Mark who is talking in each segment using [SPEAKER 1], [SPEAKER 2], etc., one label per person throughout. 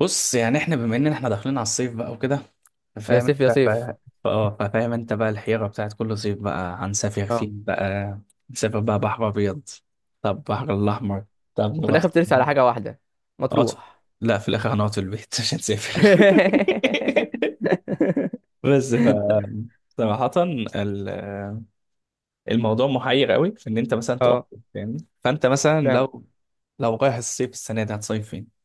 [SPEAKER 1] بص، يعني احنا بما ان احنا داخلين على الصيف بقى وكده.
[SPEAKER 2] يا
[SPEAKER 1] فاهم
[SPEAKER 2] سيف يا
[SPEAKER 1] انت
[SPEAKER 2] سيف.
[SPEAKER 1] فاهم انت بقى الحيرة بتاعت كل صيف بقى هنسافر
[SPEAKER 2] اه.
[SPEAKER 1] فين بقى. نسافر بقى بحر ابيض، طب بحر الاحمر، طب
[SPEAKER 2] وفي
[SPEAKER 1] نروح
[SPEAKER 2] الاخر بترسي على حاجه واحده،
[SPEAKER 1] اطول.
[SPEAKER 2] مطروح.
[SPEAKER 1] لا، في الاخر هنقعد في البيت مش هنسافر. بس ف صراحة ال- الموضوع محير قوي في ان انت مثلا تروح
[SPEAKER 2] اه،
[SPEAKER 1] فين، فاهمني. فانت مثلا
[SPEAKER 2] فاهم.
[SPEAKER 1] لو رايح الصيف السنة دي هتصيف فين؟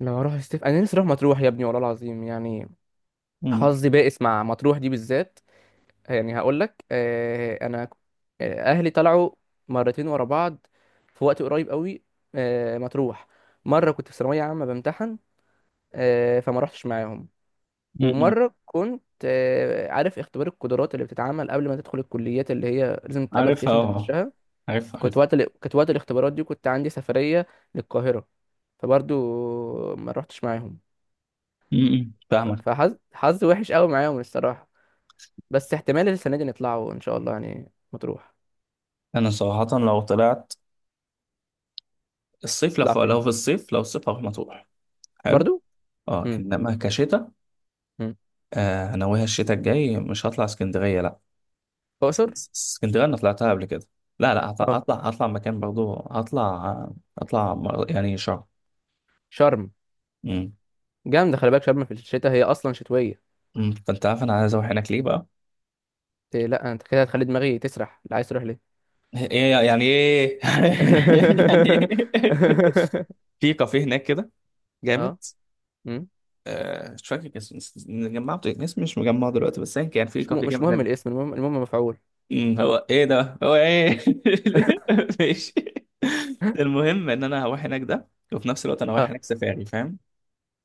[SPEAKER 2] لو اروح السيف انا نفسي اروح مطروح يا ابني، والله العظيم يعني.
[SPEAKER 1] امم
[SPEAKER 2] حظي بائس مع مطروح دي بالذات. يعني هقول لك، آه انا ك- آه، اهلي طلعوا مرتين ورا بعض في وقت قريب قوي. مطروح. مره كنت في ثانويه عامه بمتحن، فما رحتش معاهم.
[SPEAKER 1] امم
[SPEAKER 2] ومرة كنت عارف اختبار القدرات اللي بتتعمل قبل ما تدخل الكليات اللي هي لازم تتقبل فيها
[SPEAKER 1] عارفها
[SPEAKER 2] عشان
[SPEAKER 1] اه،
[SPEAKER 2] تخشها.
[SPEAKER 1] عارفها عارفها.
[SPEAKER 2] كنت وقت الاختبارات دي، كنت عندي سفرية للقاهرة، فبرضو ما روحتش معاهم.
[SPEAKER 1] فاهمك.
[SPEAKER 2] فحظ وحش قوي معاهم الصراحة. بس احتمال السنة دي نطلعوا ان شاء الله يعني مطروح.
[SPEAKER 1] انا صراحه لو طلعت الصيف، لو
[SPEAKER 2] نطلع
[SPEAKER 1] في، لو
[SPEAKER 2] فين.
[SPEAKER 1] في الصيف لو الصيف هروح مطروح. حلو
[SPEAKER 2] برضو.
[SPEAKER 1] اه،
[SPEAKER 2] امم.
[SPEAKER 1] انما كشتاء.
[SPEAKER 2] امم.
[SPEAKER 1] آه، ناويها الشتاء الجاي مش هطلع اسكندريه لا.
[SPEAKER 2] اقصر.
[SPEAKER 1] اسكندريه انا طلعتها قبل كده. لا لا، هطلع
[SPEAKER 2] اه،
[SPEAKER 1] هطلع هطلع مكان برضو. هطلع يعني شرم.
[SPEAKER 2] شرم.
[SPEAKER 1] امم
[SPEAKER 2] جامدة، خلي بالك شرم في الشتاء هي اصلا شتوية.
[SPEAKER 1] أمم، فانت عارف انا عايز اروح هناك ليه بقى.
[SPEAKER 2] إيه، لا انت كده هتخلي دماغي تسرح اللي عايز تروح ليه.
[SPEAKER 1] ايه يعني ايه يعني ايه، في كافيه هناك كده جامد.
[SPEAKER 2] اه. مم.
[SPEAKER 1] آه، مش فاكر اسم مجمعه اسم، مش مجمعه دلوقتي بس يعني كان في كافيه
[SPEAKER 2] مش مهم
[SPEAKER 1] جامد.
[SPEAKER 2] الاسم، المهم المهم مفعول.
[SPEAKER 1] مم، هو ايه ده هو ايه. ماشي. المهم ان انا هروح هناك ده، وفي نفس الوقت انا رايح
[SPEAKER 2] اه.
[SPEAKER 1] هناك سفاري، فاهم.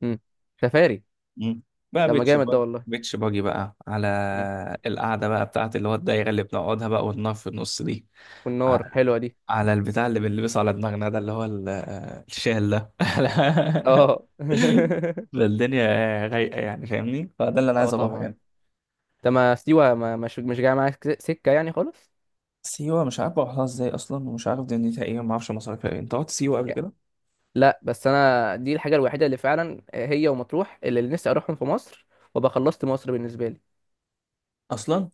[SPEAKER 2] مم. سفاري.
[SPEAKER 1] مم. بقى
[SPEAKER 2] ده ما
[SPEAKER 1] بيتش
[SPEAKER 2] جامد ده
[SPEAKER 1] باجي،
[SPEAKER 2] والله.
[SPEAKER 1] بيتش باجي بقى، على
[SPEAKER 2] مم.
[SPEAKER 1] القعده بقى بتاعت اللي هو الدايره اللي بنقعدها بقى، والنار في النص دي،
[SPEAKER 2] والنار
[SPEAKER 1] على
[SPEAKER 2] حلوة دي.
[SPEAKER 1] على البتاع اللي بنلبسه على دماغنا ده اللي هو الشال ده.
[SPEAKER 2] اه.
[SPEAKER 1] فالدنيا رايقه، يعني فاهمني، فده اللي انا
[SPEAKER 2] اه،
[SPEAKER 1] عايز اروحه
[SPEAKER 2] طبعا.
[SPEAKER 1] يعني.
[SPEAKER 2] انت ما سيوة ما مش جاي معاك سكة يعني خالص.
[SPEAKER 1] سيوه مش عارف اروحها ازاي اصلا، ومش عارف دنيتها ايه، وما اعرفش مصاريفها ايه. انت رحت سيوه قبل كده
[SPEAKER 2] لا بس انا دي الحاجة الوحيدة اللي فعلا هي ومطروح اللي نفسي اروحهم في مصر، وابقى خلصت مصر بالنسبة لي
[SPEAKER 1] اصلا؟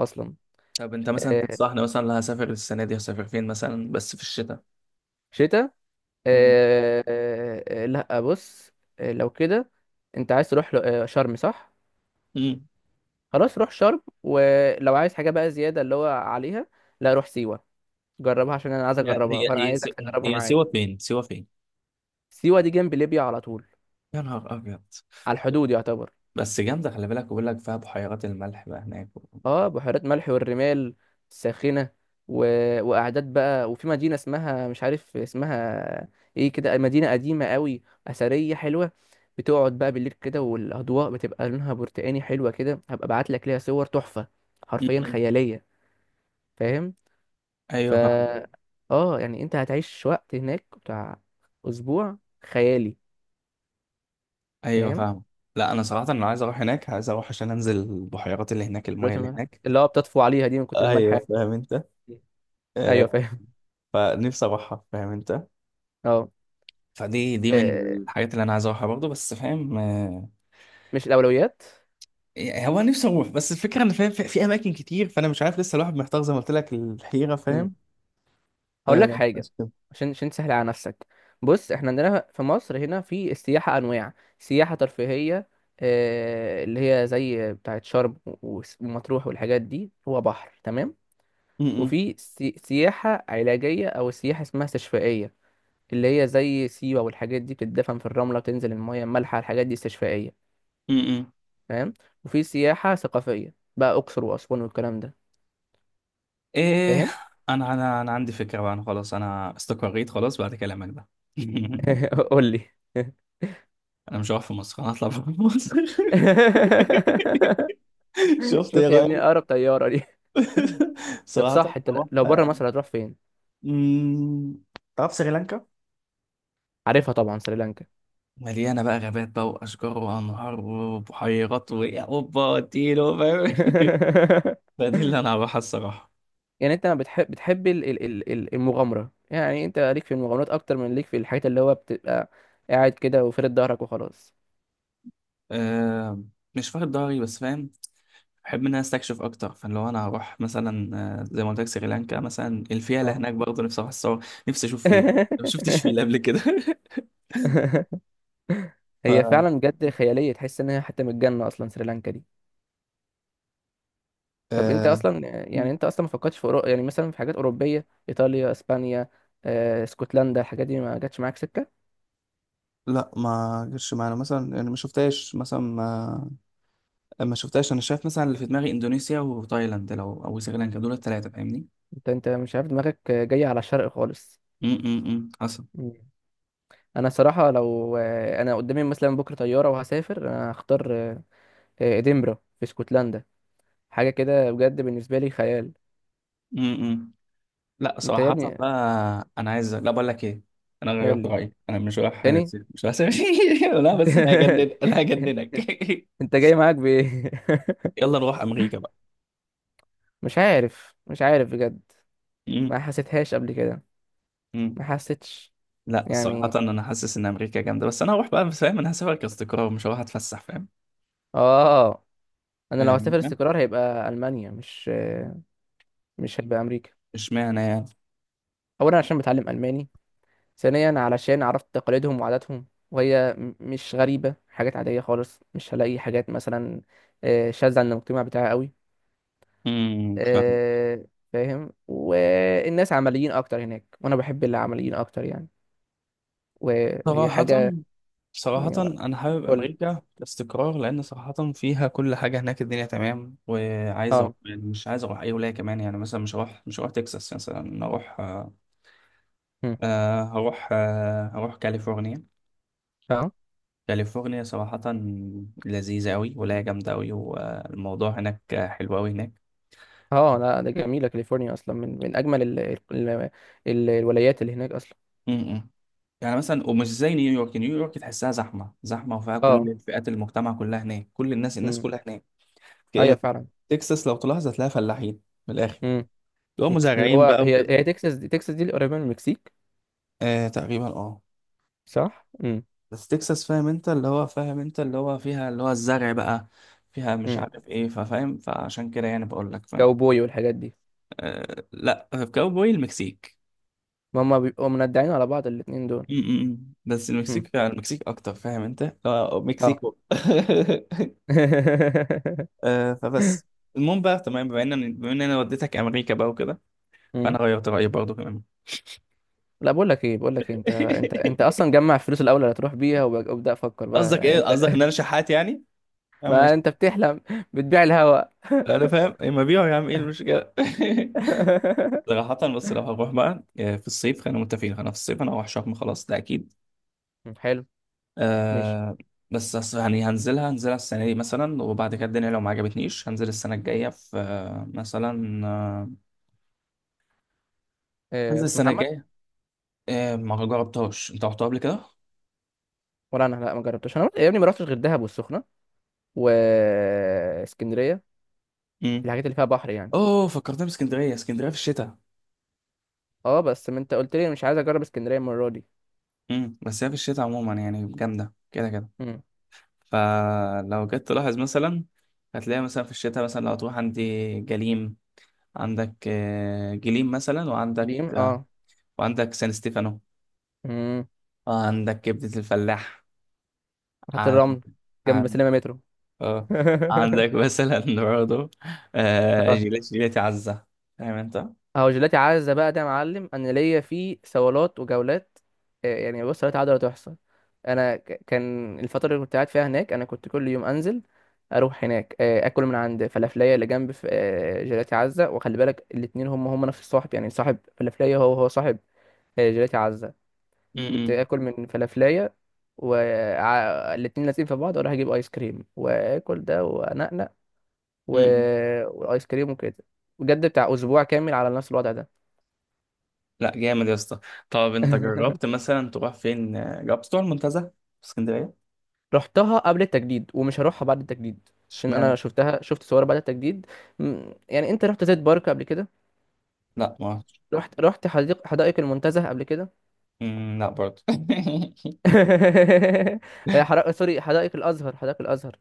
[SPEAKER 2] اصلا.
[SPEAKER 1] طب انت مثلا
[SPEAKER 2] آه،
[SPEAKER 1] تنصحني مثلا لو هسافر السنه دي هسافر فين مثلا، بس في الشتاء.
[SPEAKER 2] شتاء.
[SPEAKER 1] مم.
[SPEAKER 2] لا بص. لو كده انت عايز تروح شرم صح.
[SPEAKER 1] مم.
[SPEAKER 2] خلاص روح شرم، ولو عايز حاجة بقى زيادة اللي هو عليها، لا روح سيوة. جربها عشان انا عايز
[SPEAKER 1] هي
[SPEAKER 2] اجربها،
[SPEAKER 1] هي
[SPEAKER 2] فانا
[SPEAKER 1] هي س-
[SPEAKER 2] عايزك تجربها
[SPEAKER 1] هي
[SPEAKER 2] معايا.
[SPEAKER 1] سيوة فين، سيوة فين؟
[SPEAKER 2] سيوة دي جنب ليبيا على طول،
[SPEAKER 1] يا نهار ابيض.
[SPEAKER 2] على الحدود يعتبر.
[SPEAKER 1] بس جامده، خلي بالك، بقول لك فيها بحيرات الملح بقى هناك و...
[SPEAKER 2] اه، بحيرات ملح والرمال الساخنة و... وقعدات بقى، وفي مدينة اسمها مش عارف اسمها ايه كده، مدينة قديمة قوي أثرية حلوة، بتقعد بقى بالليل كده والأضواء بتبقى لونها برتقاني حلوة كده. هبقى ابعت لك ليها صور تحفة،
[SPEAKER 1] م-م.
[SPEAKER 2] حرفيا
[SPEAKER 1] مم.
[SPEAKER 2] خيالية. فاهم. ف
[SPEAKER 1] ايوه فاهم،
[SPEAKER 2] اه يعني انت هتعيش وقت هناك بتاع اسبوع خيالي.
[SPEAKER 1] ايوه
[SPEAKER 2] فاهم.
[SPEAKER 1] فاهم. لا انا صراحه انا عايز اروح هناك، عايز اروح عشان انزل البحيرات اللي هناك، المايه
[SPEAKER 2] دلوقتي
[SPEAKER 1] اللي
[SPEAKER 2] ما-
[SPEAKER 1] هناك.
[SPEAKER 2] اللي هو بتطفو عليها دي من كتر الملح
[SPEAKER 1] ايوه
[SPEAKER 2] يعني.
[SPEAKER 1] فاهم انت.
[SPEAKER 2] ايوه
[SPEAKER 1] آه،
[SPEAKER 2] فاهم.
[SPEAKER 1] فنفسي اروحها، فاهم انت.
[SPEAKER 2] اه،
[SPEAKER 1] فدي، دي من
[SPEAKER 2] آه،
[SPEAKER 1] الحاجات اللي انا عايز اروحها برضه، بس فاهم آه.
[SPEAKER 2] مش الاولويات.
[SPEAKER 1] إيه، هو أنا نفسي اروح بس الفكره ان فاهم في في اماكن كتير، فانا مش عارف لسه، الواحد محتار زي ما قلت لك الحيره،
[SPEAKER 2] مم.
[SPEAKER 1] فاهم.
[SPEAKER 2] هقول لك
[SPEAKER 1] آه
[SPEAKER 2] حاجه،
[SPEAKER 1] بس كده.
[SPEAKER 2] عشان تسهل على نفسك. بص احنا عندنا في مصر هنا في السياحه انواع. سياحه ترفيهيه، اللي هي زي بتاعه شرم و- ومطروح والحاجات دي، هو بحر تمام.
[SPEAKER 1] م- م-
[SPEAKER 2] وفي سياحه علاجيه او سياحه اسمها استشفائيه، اللي هي زي سيوة والحاجات دي، بتدفن في الرملة، بتنزل المية المالحة، الحاجات دي استشفائية.
[SPEAKER 1] م- م.
[SPEAKER 2] فاهم. وفي سياحة ثقافية بقى، أقصر وأسوان والكلام ده.
[SPEAKER 1] ايه،
[SPEAKER 2] فاهم.
[SPEAKER 1] انا عندي فكره بقى، انا خلاص انا استقريت خلاص بعد كلامك ده.
[SPEAKER 2] قول لي.
[SPEAKER 1] انا مش هروح في مصر، انا هطلع بره مصر. شفت؟ ايه
[SPEAKER 2] شوف يا ابني،
[SPEAKER 1] رايك؟
[SPEAKER 2] أقرب طيارة دي. طب
[SPEAKER 1] صراحه
[SPEAKER 2] صح انت،
[SPEAKER 1] هروح.
[SPEAKER 2] لو بره مصر هتروح فين.
[SPEAKER 1] أمم، تعرف سريلانكا؟
[SPEAKER 2] عارفها طبعا سريلانكا.
[SPEAKER 1] مليانه بقى غابات بقى واشجار وانهار وبحيرات واوبا اديله، فاهم. ده دي اللي انا هروحها الصراحه.
[SPEAKER 2] يعني انت ما بتحب بتحب المغامره، يعني انت ليك في المغامرات اكتر من ليك في الحاجات اللي هو بتبقى قاعد كده وفرد ظهرك وخلاص.
[SPEAKER 1] أه، مش فارد ضهري بس فاهم. بحب ان انا استكشف اكتر، فاللي هو انا هروح مثلا آه، زي ما قلت لك سريلانكا مثلا. الفيله
[SPEAKER 2] اه.
[SPEAKER 1] هناك برضه نفسي اروح اتصور، نفسي اشوف فيله. ما شفتش فيله قبل كده. ف
[SPEAKER 2] هي فعلا بجد خياليه، تحس ان هي حتى من الجنه اصلا سريلانكا دي. طب انت
[SPEAKER 1] آه
[SPEAKER 2] اصلا، يعني انت اصلا ما فكرتش في أورو... يعني مثلا في حاجات اوروبيه ايطاليا اسبانيا اسكتلندا، الحاجات دي ما جاتش معاك سكه.
[SPEAKER 1] لا، ما جرش معانا مثلا يعني، ما شفتهاش مثلا ما، ما شفتهاش. انا شايف، شايف مثلا اللي في دماغي اندونيسيا وتايلاند لو او سريلانكا، دول الثلاثه فاهمني.
[SPEAKER 2] انت مش عارف دماغك جايه على الشرق خالص.
[SPEAKER 1] امم حصل.
[SPEAKER 2] مم. انا صراحه لو، انا قدامي مثلا بكره طياره وهسافر، انا هختار ادنبرا في اسكتلندا، حاجه كده بجد بالنسبه لي خيال.
[SPEAKER 1] لا
[SPEAKER 2] انت يا
[SPEAKER 1] صراحة
[SPEAKER 2] ابني.
[SPEAKER 1] بقى أنا عايز، لا بقول لك إيه، أنا
[SPEAKER 2] قول
[SPEAKER 1] غيرت
[SPEAKER 2] لي.
[SPEAKER 1] رأيي، أنا مش رايح.
[SPEAKER 2] تاني.
[SPEAKER 1] مش رايح. لا بس أنا هجنن، أنا هجننك.
[SPEAKER 2] انت جاي معاك بايه.
[SPEAKER 1] يلا نروح أمريكا بقى.
[SPEAKER 2] مش عارف، مش عارف بجد، ما
[SPEAKER 1] مم.
[SPEAKER 2] حسيتهاش قبل كده،
[SPEAKER 1] مم.
[SPEAKER 2] ما حسيتش.
[SPEAKER 1] لا صراحة
[SPEAKER 2] يعني
[SPEAKER 1] أنا حاسس إن أمريكا جامدة، بس أنا هروح بقى فاهم، أنا هسافر كاستقرار، مش هروح أتفسح، فاهم.
[SPEAKER 2] اه. انا لو
[SPEAKER 1] فاهم
[SPEAKER 2] هسافر
[SPEAKER 1] أنت؟
[SPEAKER 2] استقرار هيبقى المانيا، مش هيبقى امريكا.
[SPEAKER 1] إشمعنى يعني.
[SPEAKER 2] اولا عشان بتعلم الماني، ثانيا علشان عرفت تقاليدهم وعاداتهم وهي مش غريبه حاجات عاديه خالص، مش هلاقي حاجات مثلا شاذه عن المجتمع بتاعي قوي.
[SPEAKER 1] مم.
[SPEAKER 2] آه، فاهم، والناس عمليين اكتر هناك وانا بحب اللي عمليين اكتر يعني، وهي
[SPEAKER 1] صراحة،
[SPEAKER 2] حاجه.
[SPEAKER 1] صراحة
[SPEAKER 2] يعني.
[SPEAKER 1] أنا حابب
[SPEAKER 2] قول لي.
[SPEAKER 1] أمريكا كاستقرار لأن صراحة فيها كل حاجة، هناك الدنيا تمام وعايز أروح،
[SPEAKER 2] اه.
[SPEAKER 1] يعني مش عايز أروح أي ولاية كمان يعني، مثلا مش هروح مش هروح تكساس، مثلا أروح آه،
[SPEAKER 2] مم.
[SPEAKER 1] آه، هروح آه، هروح كاليفورنيا.
[SPEAKER 2] اه.
[SPEAKER 1] كاليفورنيا صراحة لذيذة أوي، ولاية جامدة أوي، والموضوع هناك حلو أوي هناك.
[SPEAKER 2] اه، لا ده جميله كاليفورنيا، اصلا من اجمل ال ال الولايات اللي هناك اصلا.
[SPEAKER 1] م- م. يعني مثلا، ومش زي نيويورك، نيويورك تحسها زحمة زحمة، وفيها
[SPEAKER 2] اه.
[SPEAKER 1] كل فئات المجتمع كلها هناك، كل الناس، الناس
[SPEAKER 2] امم.
[SPEAKER 1] كلها هناك.
[SPEAKER 2] ايوه
[SPEAKER 1] ك-
[SPEAKER 2] فعلا.
[SPEAKER 1] تكساس لو تلاحظ هتلاقيها فلاحين، من الاخر،
[SPEAKER 2] امم.
[SPEAKER 1] اللي هو
[SPEAKER 2] اللي
[SPEAKER 1] مزارعين
[SPEAKER 2] هو
[SPEAKER 1] بقى
[SPEAKER 2] هي
[SPEAKER 1] وكده.
[SPEAKER 2] هي تكساس دي، تكساس دي اللي قريبه من المكسيك،
[SPEAKER 1] آه تقريبا اه.
[SPEAKER 2] صح. امم.
[SPEAKER 1] بس تكساس فاهم انت اللي هو، فاهم انت اللي هو فيها اللي هو الزرع بقى، فيها مش
[SPEAKER 2] امم.
[SPEAKER 1] عارف ايه، ففاهم، فعشان كده يعني بقول لك فاهم.
[SPEAKER 2] كاوبوي والحاجات دي.
[SPEAKER 1] آه لا، كاوبوي المكسيك.
[SPEAKER 2] ما هم بيبقوا مندعين على بعض الاتنين دول.
[SPEAKER 1] م- م- م. بس
[SPEAKER 2] امم.
[SPEAKER 1] المكسيك، المكسيك اكتر فاهم انت، آه
[SPEAKER 2] اه.
[SPEAKER 1] مكسيكو. آه فبس. المهم بقى تمام، بما ان بما ان انا وديتك امريكا بقى وكده،
[SPEAKER 2] امم.
[SPEAKER 1] فانا غيرت رايي برضه كمان.
[SPEAKER 2] لا بقول لك ايه، بقول لك إيه، انت اصلا جمع الفلوس الاول اللي هتروح بيها، وابدا افكر بقى
[SPEAKER 1] قصدك
[SPEAKER 2] يعني
[SPEAKER 1] ايه،
[SPEAKER 2] انت.
[SPEAKER 1] قصدك ان انا شحات يعني؟ آه، ماشي.
[SPEAKER 2] ما انت بتحلم، بتبيع الهوا.
[SPEAKER 1] انا فاهم، اما بيعوا يا عم ايه المشكله. صراحه، بس لو هنروح بقى آه، في الصيف خلينا متفقين، انا في الصيف انا هروح شرم خلاص، ده اكيد.
[SPEAKER 2] حلو. ماشي.
[SPEAKER 1] آه. بس أص- يعني هنزلها، هنزلها السنه دي مثلا، وبعد كده الدنيا لو ما عجبتنيش هنزل السنه الجايه في آه، مثلا آه، هنزل
[SPEAKER 2] راس
[SPEAKER 1] السنه
[SPEAKER 2] محمد.
[SPEAKER 1] الجايه. آه ما جربتهاش، انت رحتها قبل كده؟
[SPEAKER 2] ولا انا، لا ما جربتش انا يا ابني، ما رحتش غير دهب والسخنه واسكندريه،
[SPEAKER 1] امم.
[SPEAKER 2] الحاجات اللي فيها بحر يعني.
[SPEAKER 1] اوه، فكرتني باسكندريه، اسكندريه في الشتاء.
[SPEAKER 2] اه بس ما انت قلت لي مش عايز اجرب اسكندريه المره دي.
[SPEAKER 1] امم، بس هي في الشتاء عموما يعني جامده كده كده.
[SPEAKER 2] امم.
[SPEAKER 1] فلو جيت تلاحظ مثلا، هتلاقي مثلا في الشتاء مثلا لو تروح عندي جليم، عندك آه، جليم مثلا، وعندك
[SPEAKER 2] دي
[SPEAKER 1] آه،
[SPEAKER 2] اه.
[SPEAKER 1] وعندك سان ستيفانو،
[SPEAKER 2] امم.
[SPEAKER 1] وعندك كبدة الفلاح،
[SPEAKER 2] حتى
[SPEAKER 1] عن
[SPEAKER 2] الرمل جنب
[SPEAKER 1] عن
[SPEAKER 2] سينما مترو.
[SPEAKER 1] آه، عندك مثلا برضه آه،
[SPEAKER 2] اه.
[SPEAKER 1] جيلاتي، جيلاتي عزة، فاهم انت؟
[SPEAKER 2] اهو جيلاتي عزة بقى ده يا معلم، انا ليا فيه صولات وجولات. يعني بص، صولات عادة لا تحصى. كان الفترة اللي كنت قاعد فيها هناك، انا كنت كل يوم انزل، اروح هناك اكل من عند فلافلية اللي جنب جيلاتي عزة، وخلي بالك الاتنين هم نفس الصاحب، يعني صاحب فلافلية هو صاحب جيلاتي عزة. كنت
[SPEAKER 1] م-م.
[SPEAKER 2] اكل من فلافلية والاتنين لازقين في بعض، واروح اجيب ايس كريم واكل ده وانقنق و...
[SPEAKER 1] م-م.
[SPEAKER 2] والايس كريم وكده، بجد بتاع اسبوع كامل على نفس الوضع ده.
[SPEAKER 1] لا جامد يا اسطى. طب انت جربت مثلا تروح فين آه، جربت تروح المنتزه في اسكندرية؟
[SPEAKER 2] رحتها قبل التجديد ومش هروحها بعد التجديد. عشان انا
[SPEAKER 1] اشمعنى؟
[SPEAKER 2] شفتها، شفت صور بعد التجديد. يعني انت رحت زيت بارك قبل كده.
[SPEAKER 1] لا ما رحتش.
[SPEAKER 2] رحت حدائق المنتزه قبل كده.
[SPEAKER 1] م، لا برضه.
[SPEAKER 2] سوري، حدائق الازهر، حدائق الازهر.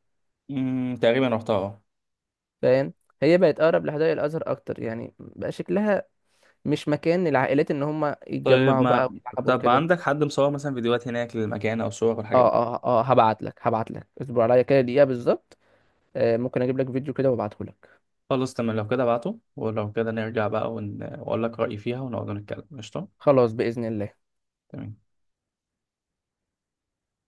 [SPEAKER 1] م، تقريبا رحتها اه.
[SPEAKER 2] فاهم. هي بقت اقرب لحدائق الازهر اكتر، يعني بقى شكلها مش مكان للعائلات ان هم
[SPEAKER 1] طيب
[SPEAKER 2] يتجمعوا بقى
[SPEAKER 1] ما،
[SPEAKER 2] ويلعبوا
[SPEAKER 1] طب
[SPEAKER 2] كده.
[SPEAKER 1] عندك حد مصور مثلا فيديوهات هناك للمكان او صور والحاجات
[SPEAKER 2] اه
[SPEAKER 1] دي؟
[SPEAKER 2] اه اه، هبعت لك اصبر عليا كده دقيقة بالظبط. ممكن اجيب لك فيديو كده وابعته لك.
[SPEAKER 1] خلاص تمام، لو كده ابعته، ولو كده نرجع بقى ون... واقول لك رأيي فيها ونقعد نتكلم قشطة.
[SPEAKER 2] خلاص بإذن الله.
[SPEAKER 1] تمام.